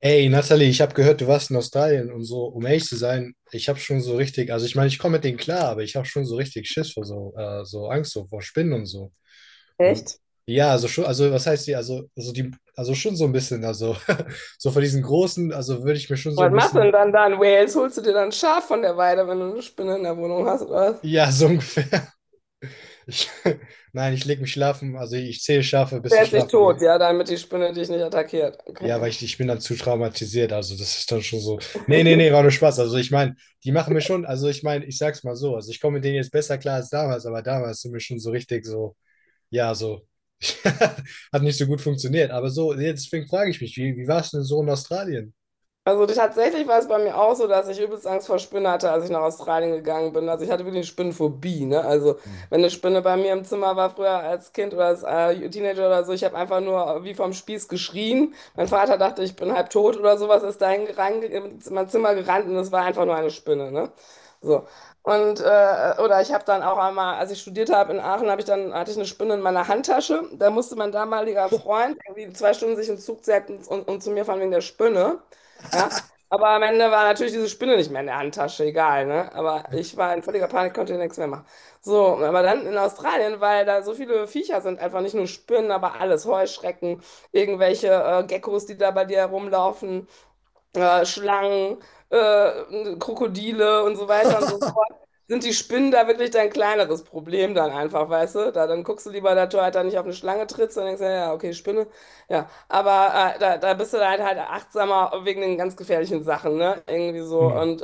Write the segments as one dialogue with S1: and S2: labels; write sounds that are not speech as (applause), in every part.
S1: Ey, Nathalie, ich habe gehört, du warst in Australien und so. Um ehrlich zu sein, ich habe schon so richtig, also ich meine, ich komme mit denen klar, aber ich habe schon so richtig Schiss vor so, so Angst so vor Spinnen und so. Und
S2: Echt?
S1: ja, also schon, also was heißt die, also die, also schon so ein bisschen, also (laughs) so vor diesen großen, also würde ich mir schon so
S2: Was
S1: ein
S2: machst du denn
S1: bisschen,
S2: dann? Wales, holst du dir dann ein Schaf von der Weide, wenn du eine Spinne in der Wohnung hast, oder was?
S1: ja, so ungefähr. (laughs) Ich, nein, ich leg mich schlafen, also ich zähle Schafe, bis
S2: Der
S1: ich
S2: ist nicht
S1: schlafen
S2: tot,
S1: gehe.
S2: ja, damit die Spinne dich nicht attackiert.
S1: Ja, weil
S2: Okay.
S1: ich bin dann zu traumatisiert. Also, das ist dann schon so. Nee, nee, nee, war nur Spaß. Also, ich meine, die machen mir schon, also ich meine, ich sag's mal so, also ich komme mit denen jetzt besser klar als damals, aber damals sind wir schon so richtig so, ja, so. (laughs) Hat nicht so gut funktioniert. Aber so, jetzt, deswegen frage ich mich, wie war es denn so in Australien?
S2: Also tatsächlich war es bei mir auch so, dass ich übelst Angst vor Spinnen hatte, als ich nach Australien gegangen bin. Also ich hatte wirklich eine Spinnenphobie, ne? Also
S1: Hm.
S2: wenn eine Spinne bei mir im Zimmer war, früher als Kind oder als Teenager oder so, ich habe einfach nur wie vom Spieß geschrien. Mein Vater dachte, ich bin halb tot oder sowas, ist da in mein Zimmer gerannt und es war einfach nur eine Spinne, ne? So. Und oder ich habe dann auch einmal, als ich studiert habe in Aachen, habe ich dann hatte ich eine Spinne in meiner Handtasche. Da musste mein damaliger Freund irgendwie zwei Stunden sich in den Zug setzen und zu mir fahren wegen der Spinne. Ja. Aber am Ende war natürlich diese Spinne nicht mehr in der Handtasche, egal, ne? Aber ich war in völliger Panik, konnte nichts mehr machen. So, aber dann in Australien, weil da so viele Viecher sind, einfach nicht nur Spinnen, aber alles: Heuschrecken, irgendwelche Geckos, die da bei dir herumlaufen, Schlangen, Krokodile und so weiter und so fort,
S1: (laughs)
S2: sind die Spinnen da wirklich dein kleineres Problem dann einfach, weißt du? Da, dann guckst du lieber, dass du halt da nicht auf eine Schlange trittst und denkst, ja, ja, okay, Spinne, ja. Aber da, da bist du dann halt achtsamer wegen den ganz gefährlichen Sachen, ne? Irgendwie so.
S1: Hm.
S2: Und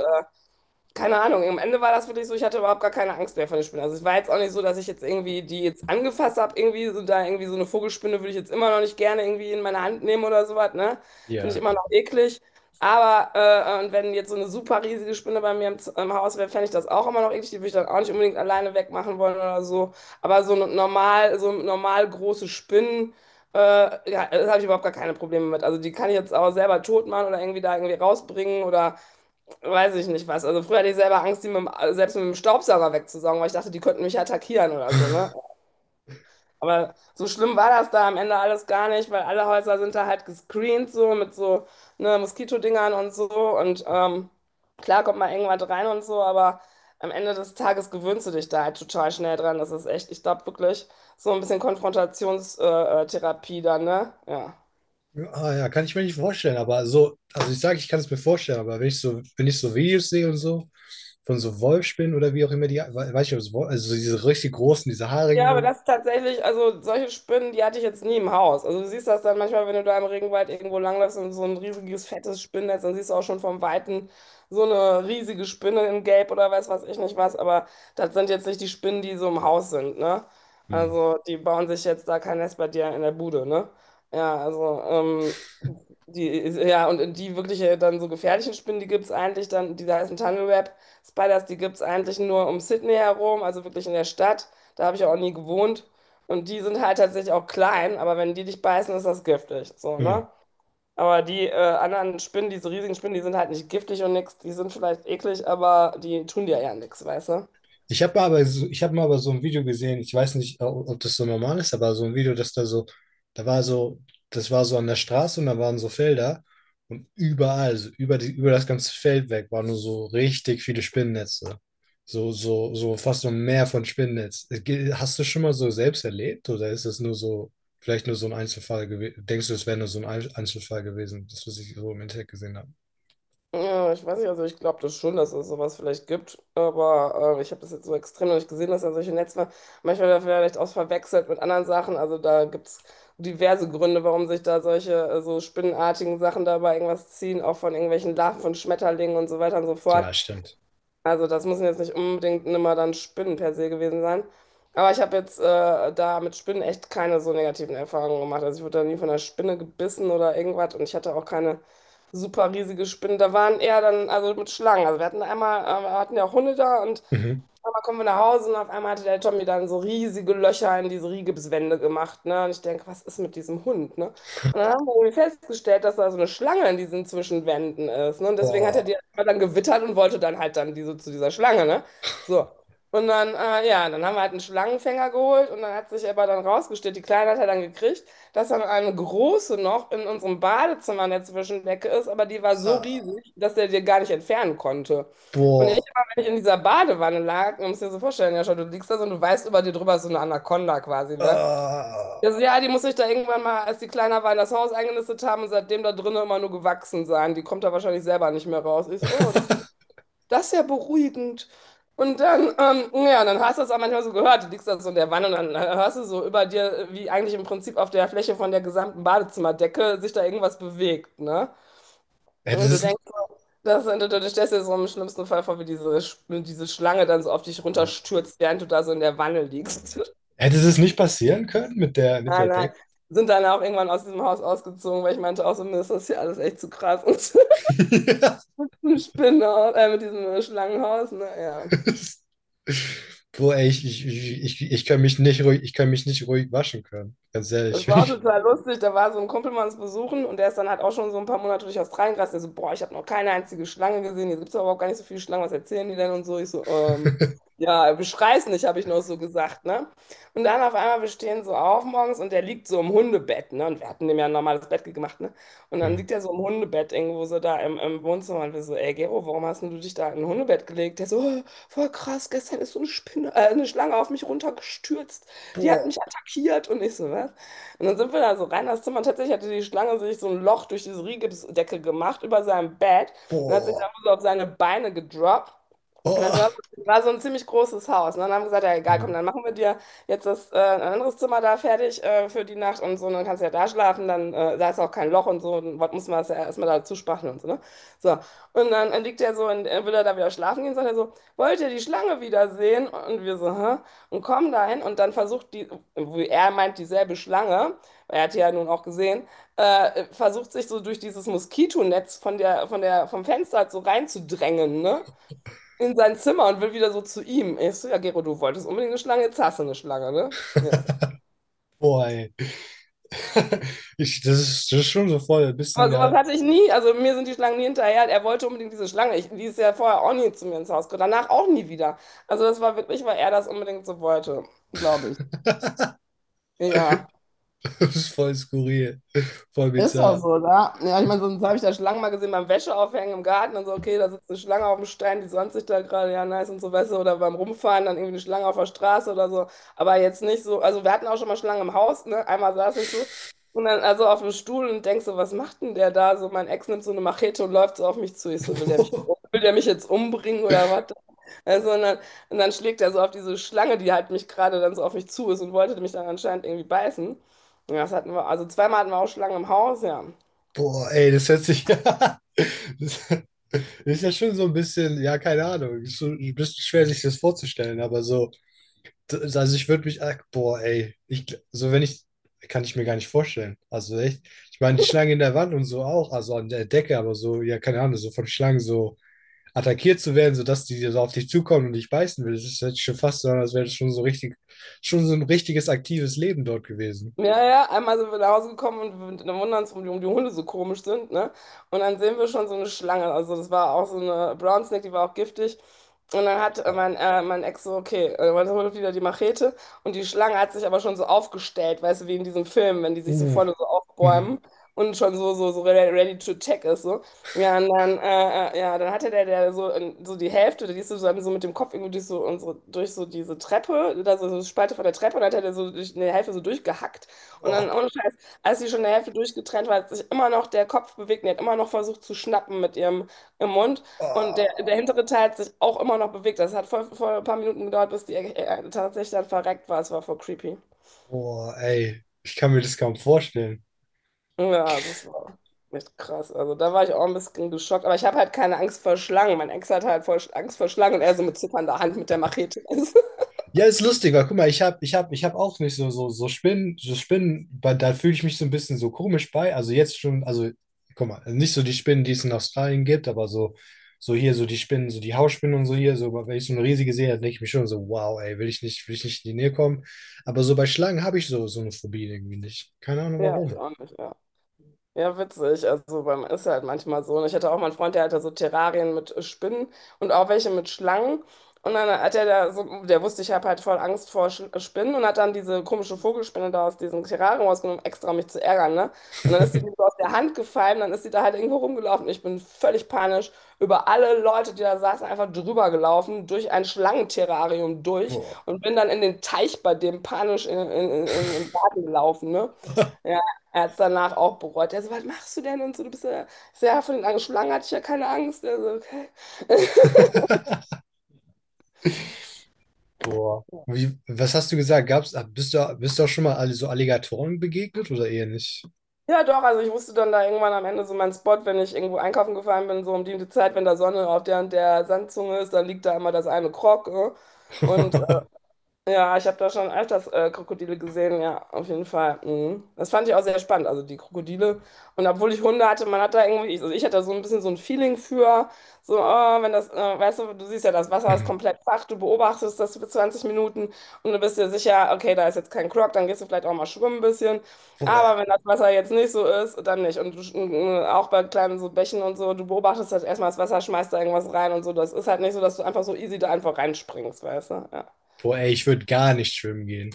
S2: keine Ahnung, am Ende war das wirklich so, ich hatte überhaupt gar keine Angst mehr vor den Spinnen. Also es war jetzt auch nicht so, dass ich jetzt irgendwie die jetzt angefasst habe, irgendwie so da irgendwie so eine Vogelspinne würde ich jetzt immer noch nicht gerne irgendwie in meine Hand nehmen oder sowas, ne? Finde ich
S1: Ja.
S2: immer noch eklig. Aber und wenn jetzt so eine super riesige Spinne bei mir im Haus wäre, fände ich das auch immer noch eklig. Die würde ich dann auch nicht unbedingt alleine wegmachen wollen oder so. Aber so normal große Spinnen, äh, ja, das habe ich überhaupt gar keine Probleme mit. Also die kann ich jetzt auch selber tot machen oder irgendwie da irgendwie rausbringen oder weiß ich nicht was. Also früher hatte ich selber Angst, die mit dem, selbst mit dem Staubsauger wegzusaugen, weil ich dachte, die könnten mich attackieren oder so, ne? Aber so schlimm war das da am Ende alles gar nicht, weil alle Häuser sind da halt gescreent, so mit so, ne, Moskitodingern und so. Und klar kommt mal irgendwas rein und so, aber am Ende des Tages gewöhnst du dich da halt total schnell dran. Das ist echt, ich glaube wirklich, so ein bisschen Konfrontationstherapie dann, ne? Ja.
S1: Ah, ja, kann ich mir nicht vorstellen, aber so, also ich sage, ich kann es mir vorstellen, aber wenn ich so, wenn ich so Videos sehe und so, von so Wolfsspinnen oder wie auch immer die, weiß ich, ob es also so diese richtig großen, diese
S2: Ja, aber
S1: haarigen.
S2: das tatsächlich, also solche Spinnen, die hatte ich jetzt nie im Haus. Also du siehst das dann manchmal, wenn du da im Regenwald irgendwo langläufst und so ein riesiges, fettes Spinnennetz, dann siehst du auch schon vom Weiten so eine riesige Spinne in Gelb oder weiß was ich nicht was. Aber das sind jetzt nicht die Spinnen, die so im Haus sind, ne?
S1: Hm.
S2: Also die bauen sich jetzt da kein Nest bei dir in der Bude, ne? Ja, also die, ja, und die wirklich dann so gefährlichen Spinnen, die gibt's eigentlich dann, die heißen Tunnelweb Spiders, die gibt's eigentlich nur um Sydney herum, also wirklich in der Stadt. Da habe ich auch nie gewohnt. Und die sind halt tatsächlich auch klein, aber wenn die dich beißen, ist das giftig. So,
S1: Hm.
S2: ne? Aber die anderen Spinnen, diese riesigen Spinnen, die sind halt nicht giftig und nix. Die sind vielleicht eklig, aber die tun dir ja nichts, weißt du?
S1: Ich habe aber, so, ich habe mal aber so ein Video gesehen, ich weiß nicht, ob das so normal ist, aber so ein Video, dass da so, da war so, das war so an der Straße und da waren so Felder und überall, so über das ganze Feld weg, waren nur so richtig viele Spinnennetze. So fast so ein Meer von Spinnennetz. Hast du schon mal so selbst erlebt oder ist es nur so, vielleicht nur so ein Einzelfall gewesen? Denkst du, es wäre nur so ein Einzelfall gewesen, das, was ich so im Internet gesehen habe?
S2: Ja, ich weiß nicht, also ich glaube das schon, dass es sowas vielleicht gibt, aber ich habe das jetzt so extrem noch nicht gesehen, dass da solche Netzwerke, manchmal vielleicht auch verwechselt mit anderen Sachen, also da gibt es diverse Gründe, warum sich da solche so spinnenartigen Sachen dabei irgendwas ziehen, auch von irgendwelchen Larven von Schmetterlingen und so weiter und so fort.
S1: Ja, stimmt.
S2: Also das müssen jetzt nicht unbedingt immer dann Spinnen per se gewesen sein. Aber ich habe jetzt da mit Spinnen echt keine so negativen Erfahrungen gemacht. Also ich wurde da nie von einer Spinne gebissen oder irgendwas und ich hatte auch keine super riesige Spinne. Da waren eher dann, also mit Schlangen. Also wir hatten ja auch Hunde da und
S1: Mhm.
S2: aber kommen wir nach Hause und auf einmal hatte der Tommy dann so riesige Löcher in diese Rigipswände gemacht, ne? Und ich denke, was ist mit diesem Hund, ne? Und dann haben wir irgendwie festgestellt, dass da so eine Schlange in diesen Zwischenwänden ist, ne? Und deswegen hat er
S1: Boah,
S2: die dann gewittert und wollte dann halt dann zu dieser Schlange, ne? So. Und dann, ja, dann haben wir halt einen Schlangenfänger geholt und dann hat sich aber dann rausgestellt, die Kleine hat er dann gekriegt, dass dann eine große noch in unserem Badezimmer in der Zwischendecke ist, aber die war so
S1: ah,
S2: riesig, dass er die gar nicht entfernen konnte. Und ich
S1: boah,
S2: ich in dieser Badewanne lag, man muss dir so vorstellen, ja schon, du liegst da so und du weißt, über dir drüber ist so eine Anaconda quasi, ne?
S1: ah.
S2: Also, ja, die muss sich da irgendwann mal, als die kleiner war, in das Haus eingenistet haben und seitdem da drinnen immer nur gewachsen sein. Die kommt da wahrscheinlich selber nicht mehr raus. Ich so, oh, das,
S1: (laughs)
S2: das ist ja beruhigend. Und dann, ja, dann hast du das auch manchmal so gehört. Du liegst da so in der Wanne und dann hörst du so über dir, wie eigentlich im Prinzip auf der Fläche von der gesamten Badezimmerdecke sich da irgendwas bewegt, ne?
S1: Hätte
S2: Und du
S1: es,
S2: denkst, so, das, du stellst dir so im schlimmsten Fall vor, wie diese, diese Schlange dann so auf dich runterstürzt, während du da so in der Wanne liegst. (laughs)
S1: hätte es nicht passieren können mit der,
S2: Nein, nein.
S1: Deck?
S2: Sind dann auch irgendwann aus diesem Haus ausgezogen, weil ich meinte auch so, mir ist das hier alles echt zu krass. (laughs) Und
S1: (laughs) Ja.
S2: mit Spinnenhaus, mit diesem Schlangenhaus, ne, ja.
S1: Boah, ey, ich kann mich nicht ruhig, ich kann mich nicht ruhig waschen können. Ganz ehrlich.
S2: Das war auch total lustig. Da war so ein Kumpel mal uns besuchen und der ist dann halt auch schon so ein paar Monate durch Australien gereist. Der so, boah, ich habe noch keine einzige Schlange gesehen. Hier gibt es überhaupt gar nicht so viele Schlangen. Was erzählen die denn und so? Ich so,
S1: (laughs)
S2: ja, beschrei's nicht, habe ich noch so gesagt, ne? Und dann auf einmal, wir stehen so auf morgens und der liegt so im Hundebett, ne? Und wir hatten dem ja ein normales Bett gemacht, ne? Und dann
S1: Mhm.
S2: liegt er so im Hundebett irgendwo so da im, im Wohnzimmer und wir so, ey, Gero, warum hast denn du dich da in ein Hundebett gelegt? Der so, oh, voll krass, gestern ist so eine Schlange auf mich runtergestürzt. Die hat
S1: Boah,
S2: mich attackiert und ich so, was? Und dann sind wir da so rein in das Zimmer und tatsächlich hatte die Schlange sich so ein Loch durch diese Rigipsdecke gemacht über seinem Bett und hat sich
S1: boah,
S2: dann so auf seine Beine gedroppt. Das war,
S1: boah.
S2: war so ein ziemlich großes Haus. Ne? Dann haben wir gesagt, ja egal, komm,
S1: Mhm.
S2: dann machen wir dir jetzt ein anderes Zimmer da fertig, für die Nacht und so, und dann kannst du ja da schlafen, dann da ist auch kein Loch und so, und was muss man das ja erstmal dazu spachteln und so, ne? So, und dann liegt er so, und will er da wieder schlafen gehen, sagt er so, wollt ihr die Schlange wiedersehen? Und wir so, hä? Und kommen dahin und dann versucht die, wie er meint, dieselbe Schlange, er hat die ja nun auch gesehen, versucht sich so durch dieses Moskitonetz vom Fenster halt so reinzudrängen, ne? In sein Zimmer und will wieder so zu ihm. Ich so, ja, Gero, du wolltest unbedingt eine Schlange, jetzt hast du eine Schlange, ne? Ja.
S1: Boah, ey. (laughs) Das ist schon so voll ein
S2: Aber
S1: bisschen,
S2: sowas
S1: ja,
S2: hatte ich nie, also mir sind die Schlangen nie hinterher. Er wollte unbedingt diese Schlange. Ich, die ist ja vorher auch nie zu mir ins Haus gekommen, danach auch nie wieder. Also das war wirklich, weil er das unbedingt so wollte, glaube ich. Ja.
S1: (laughs) das ist voll skurril, voll
S2: Ist auch
S1: bizarr.
S2: so, da. Ja, ich meine, sonst habe ich da Schlangen mal gesehen beim Wäscheaufhängen im Garten und so. Okay, da sitzt eine Schlange auf dem Stein, die sonnt sich da gerade, ja, nice und so, weißt du, oder beim Rumfahren dann irgendwie eine Schlange auf der Straße oder so. Aber jetzt nicht so, also wir hatten auch schon mal Schlangen im Haus, ne? Einmal saß ich so und dann also auf dem Stuhl und denkst so, was macht denn der da? So, mein Ex nimmt so eine Machete und läuft so auf mich zu. Ich so, will der mich,
S1: (laughs)
S2: will der mich jetzt umbringen oder was? Also, und dann schlägt er so auf diese Schlange, die halt mich gerade dann so auf mich zu ist und wollte mich dann anscheinend irgendwie beißen. Ja, das hatten wir, also zweimal hatten wir auch Schlangen im Haus, ja.
S1: Boah, ey, das hört sich (laughs) ja. Das ist ja schon so ein bisschen, ja, keine Ahnung. Ist so ein bisschen schwer, sich das vorzustellen, aber so. Also, ich würde mich. Ach, boah, ey. So, wenn ich. Kann ich mir gar nicht vorstellen. Also, echt. Ich meine, die Schlange in der Wand und so auch. Also, an der Decke, aber so, ja, keine Ahnung. So von Schlangen so attackiert zu werden, sodass die so auf dich zukommen und dich beißen will. Das ist jetzt schon fast so, als wäre das schon so richtig. Schon so ein richtiges aktives Leben dort gewesen.
S2: Ja, ja, einmal sind wir nach Hause gekommen und wir- dann wundern uns, warum die Hunde so komisch sind, ne? Und dann sehen wir schon so eine Schlange. Also das war auch so eine Brown Snake, die war auch giftig. Und dann hat mein, mein Ex so, okay, dann holt wieder die Machete. Und die Schlange hat sich aber schon so aufgestellt, weißt du, wie in diesem Film, wenn die sich so
S1: Uh.
S2: vorne so
S1: Mhm.
S2: aufbäumen und schon so, so, so ready, ready to attack ist, so. Ja, und dann, ja, dann hatte der, der so, so die Hälfte, die ist so, dann so mit dem Kopf irgendwie durch so, unsere, durch so diese Treppe, da so eine Spalte von der Treppe, und dann hat er so durch eine Hälfte so durchgehackt. Und dann,
S1: Boah.
S2: ohne Scheiß, als sie schon der Hälfte durchgetrennt war, hat sich immer noch der Kopf bewegt und die hat immer noch versucht zu schnappen mit ihrem im Mund. Und der,
S1: Ah.
S2: der hintere Teil hat sich auch immer noch bewegt. Das hat voll, voll ein paar Minuten gedauert, bis die tatsächlich dann verreckt war. Es war voll creepy.
S1: Boah, ey, ich kann mir das kaum vorstellen.
S2: Ja, das war echt krass. Also da war ich auch ein bisschen geschockt. Aber ich habe halt keine Angst vor Schlangen. Mein Ex hat halt voll Angst vor Schlangen und er so mit zitternder Hand mit der Machete. (laughs)
S1: Ja, ist lustig, weil guck mal, ich hab auch nicht so, Spinnen, da fühle ich mich so ein bisschen so komisch bei. Also jetzt schon, also guck mal, nicht so die Spinnen, die es in Australien gibt, aber so, so hier, so die Spinnen, so die Hausspinnen und so hier, so, wenn ich so eine riesige sehe, dann denke ich mir schon so, wow, ey, will ich nicht in die Nähe kommen. Aber so bei Schlangen habe ich so, so eine Phobie irgendwie nicht. Keine Ahnung
S2: Ja, ich
S1: warum.
S2: auch nicht. Ja. Ja, witzig. Also beim ist halt manchmal so. Und ich hatte auch mal einen Freund, der hatte so Terrarien mit Spinnen und auch welche mit Schlangen. Und dann hat er da so, der wusste, ich habe halt voll Angst vor Sch Spinnen und hat dann diese komische Vogelspinne da aus diesem Terrarium rausgenommen, extra um mich zu ärgern, ne? Und dann ist die mir so aus der Hand gefallen, dann ist die da halt irgendwo rumgelaufen. Ich bin völlig panisch über alle Leute, die da saßen, einfach drüber gelaufen, durch ein Schlangenterrarium durch
S1: Boah.
S2: und bin dann in den Teich bei dem panisch im Garten gelaufen, ne? Ja, er hat es danach auch bereut. Er so, was machst du denn? Und so, du bist ja sehr von den angeschlagen, hatte ich ja keine Angst. Er so, okay.
S1: (laughs) Boah. Wie, was hast du gesagt? Bist du auch schon mal alle so Alligatoren begegnet oder eher nicht?
S2: Ja, doch, also ich wusste dann da irgendwann am Ende so meinen Spot, wenn ich irgendwo einkaufen gefahren bin, so um die Zeit, wenn da Sonne auf der und der Sandzunge ist, dann liegt da immer das eine Krog. Und
S1: (laughs)
S2: ja, ich habe da schon öfters Krokodile gesehen, ja, auf jeden Fall. Mhm. Das fand ich auch sehr spannend, also die Krokodile. Und obwohl ich Hunde hatte, man hat da irgendwie, ich- also ich hatte da so ein bisschen so ein Feeling für, so, oh, wenn das, weißt du, du siehst ja, das Wasser ist
S1: Mhm.
S2: komplett flach, du beobachtest das für 20 Minuten und du bist dir sicher, okay, da ist jetzt kein Krog, dann gehst du vielleicht auch mal schwimmen ein bisschen.
S1: Boah,
S2: Aber wenn das Wasser jetzt nicht so ist, dann nicht. Und du, auch bei kleinen so Bächen und so, du beobachtest halt erstmal das Wasser, schmeißt da irgendwas rein und so. Das ist halt nicht so, dass du einfach so easy da einfach reinspringst, weißt du? Ja.
S1: boah, ey, ich würde gar nicht schwimmen gehen.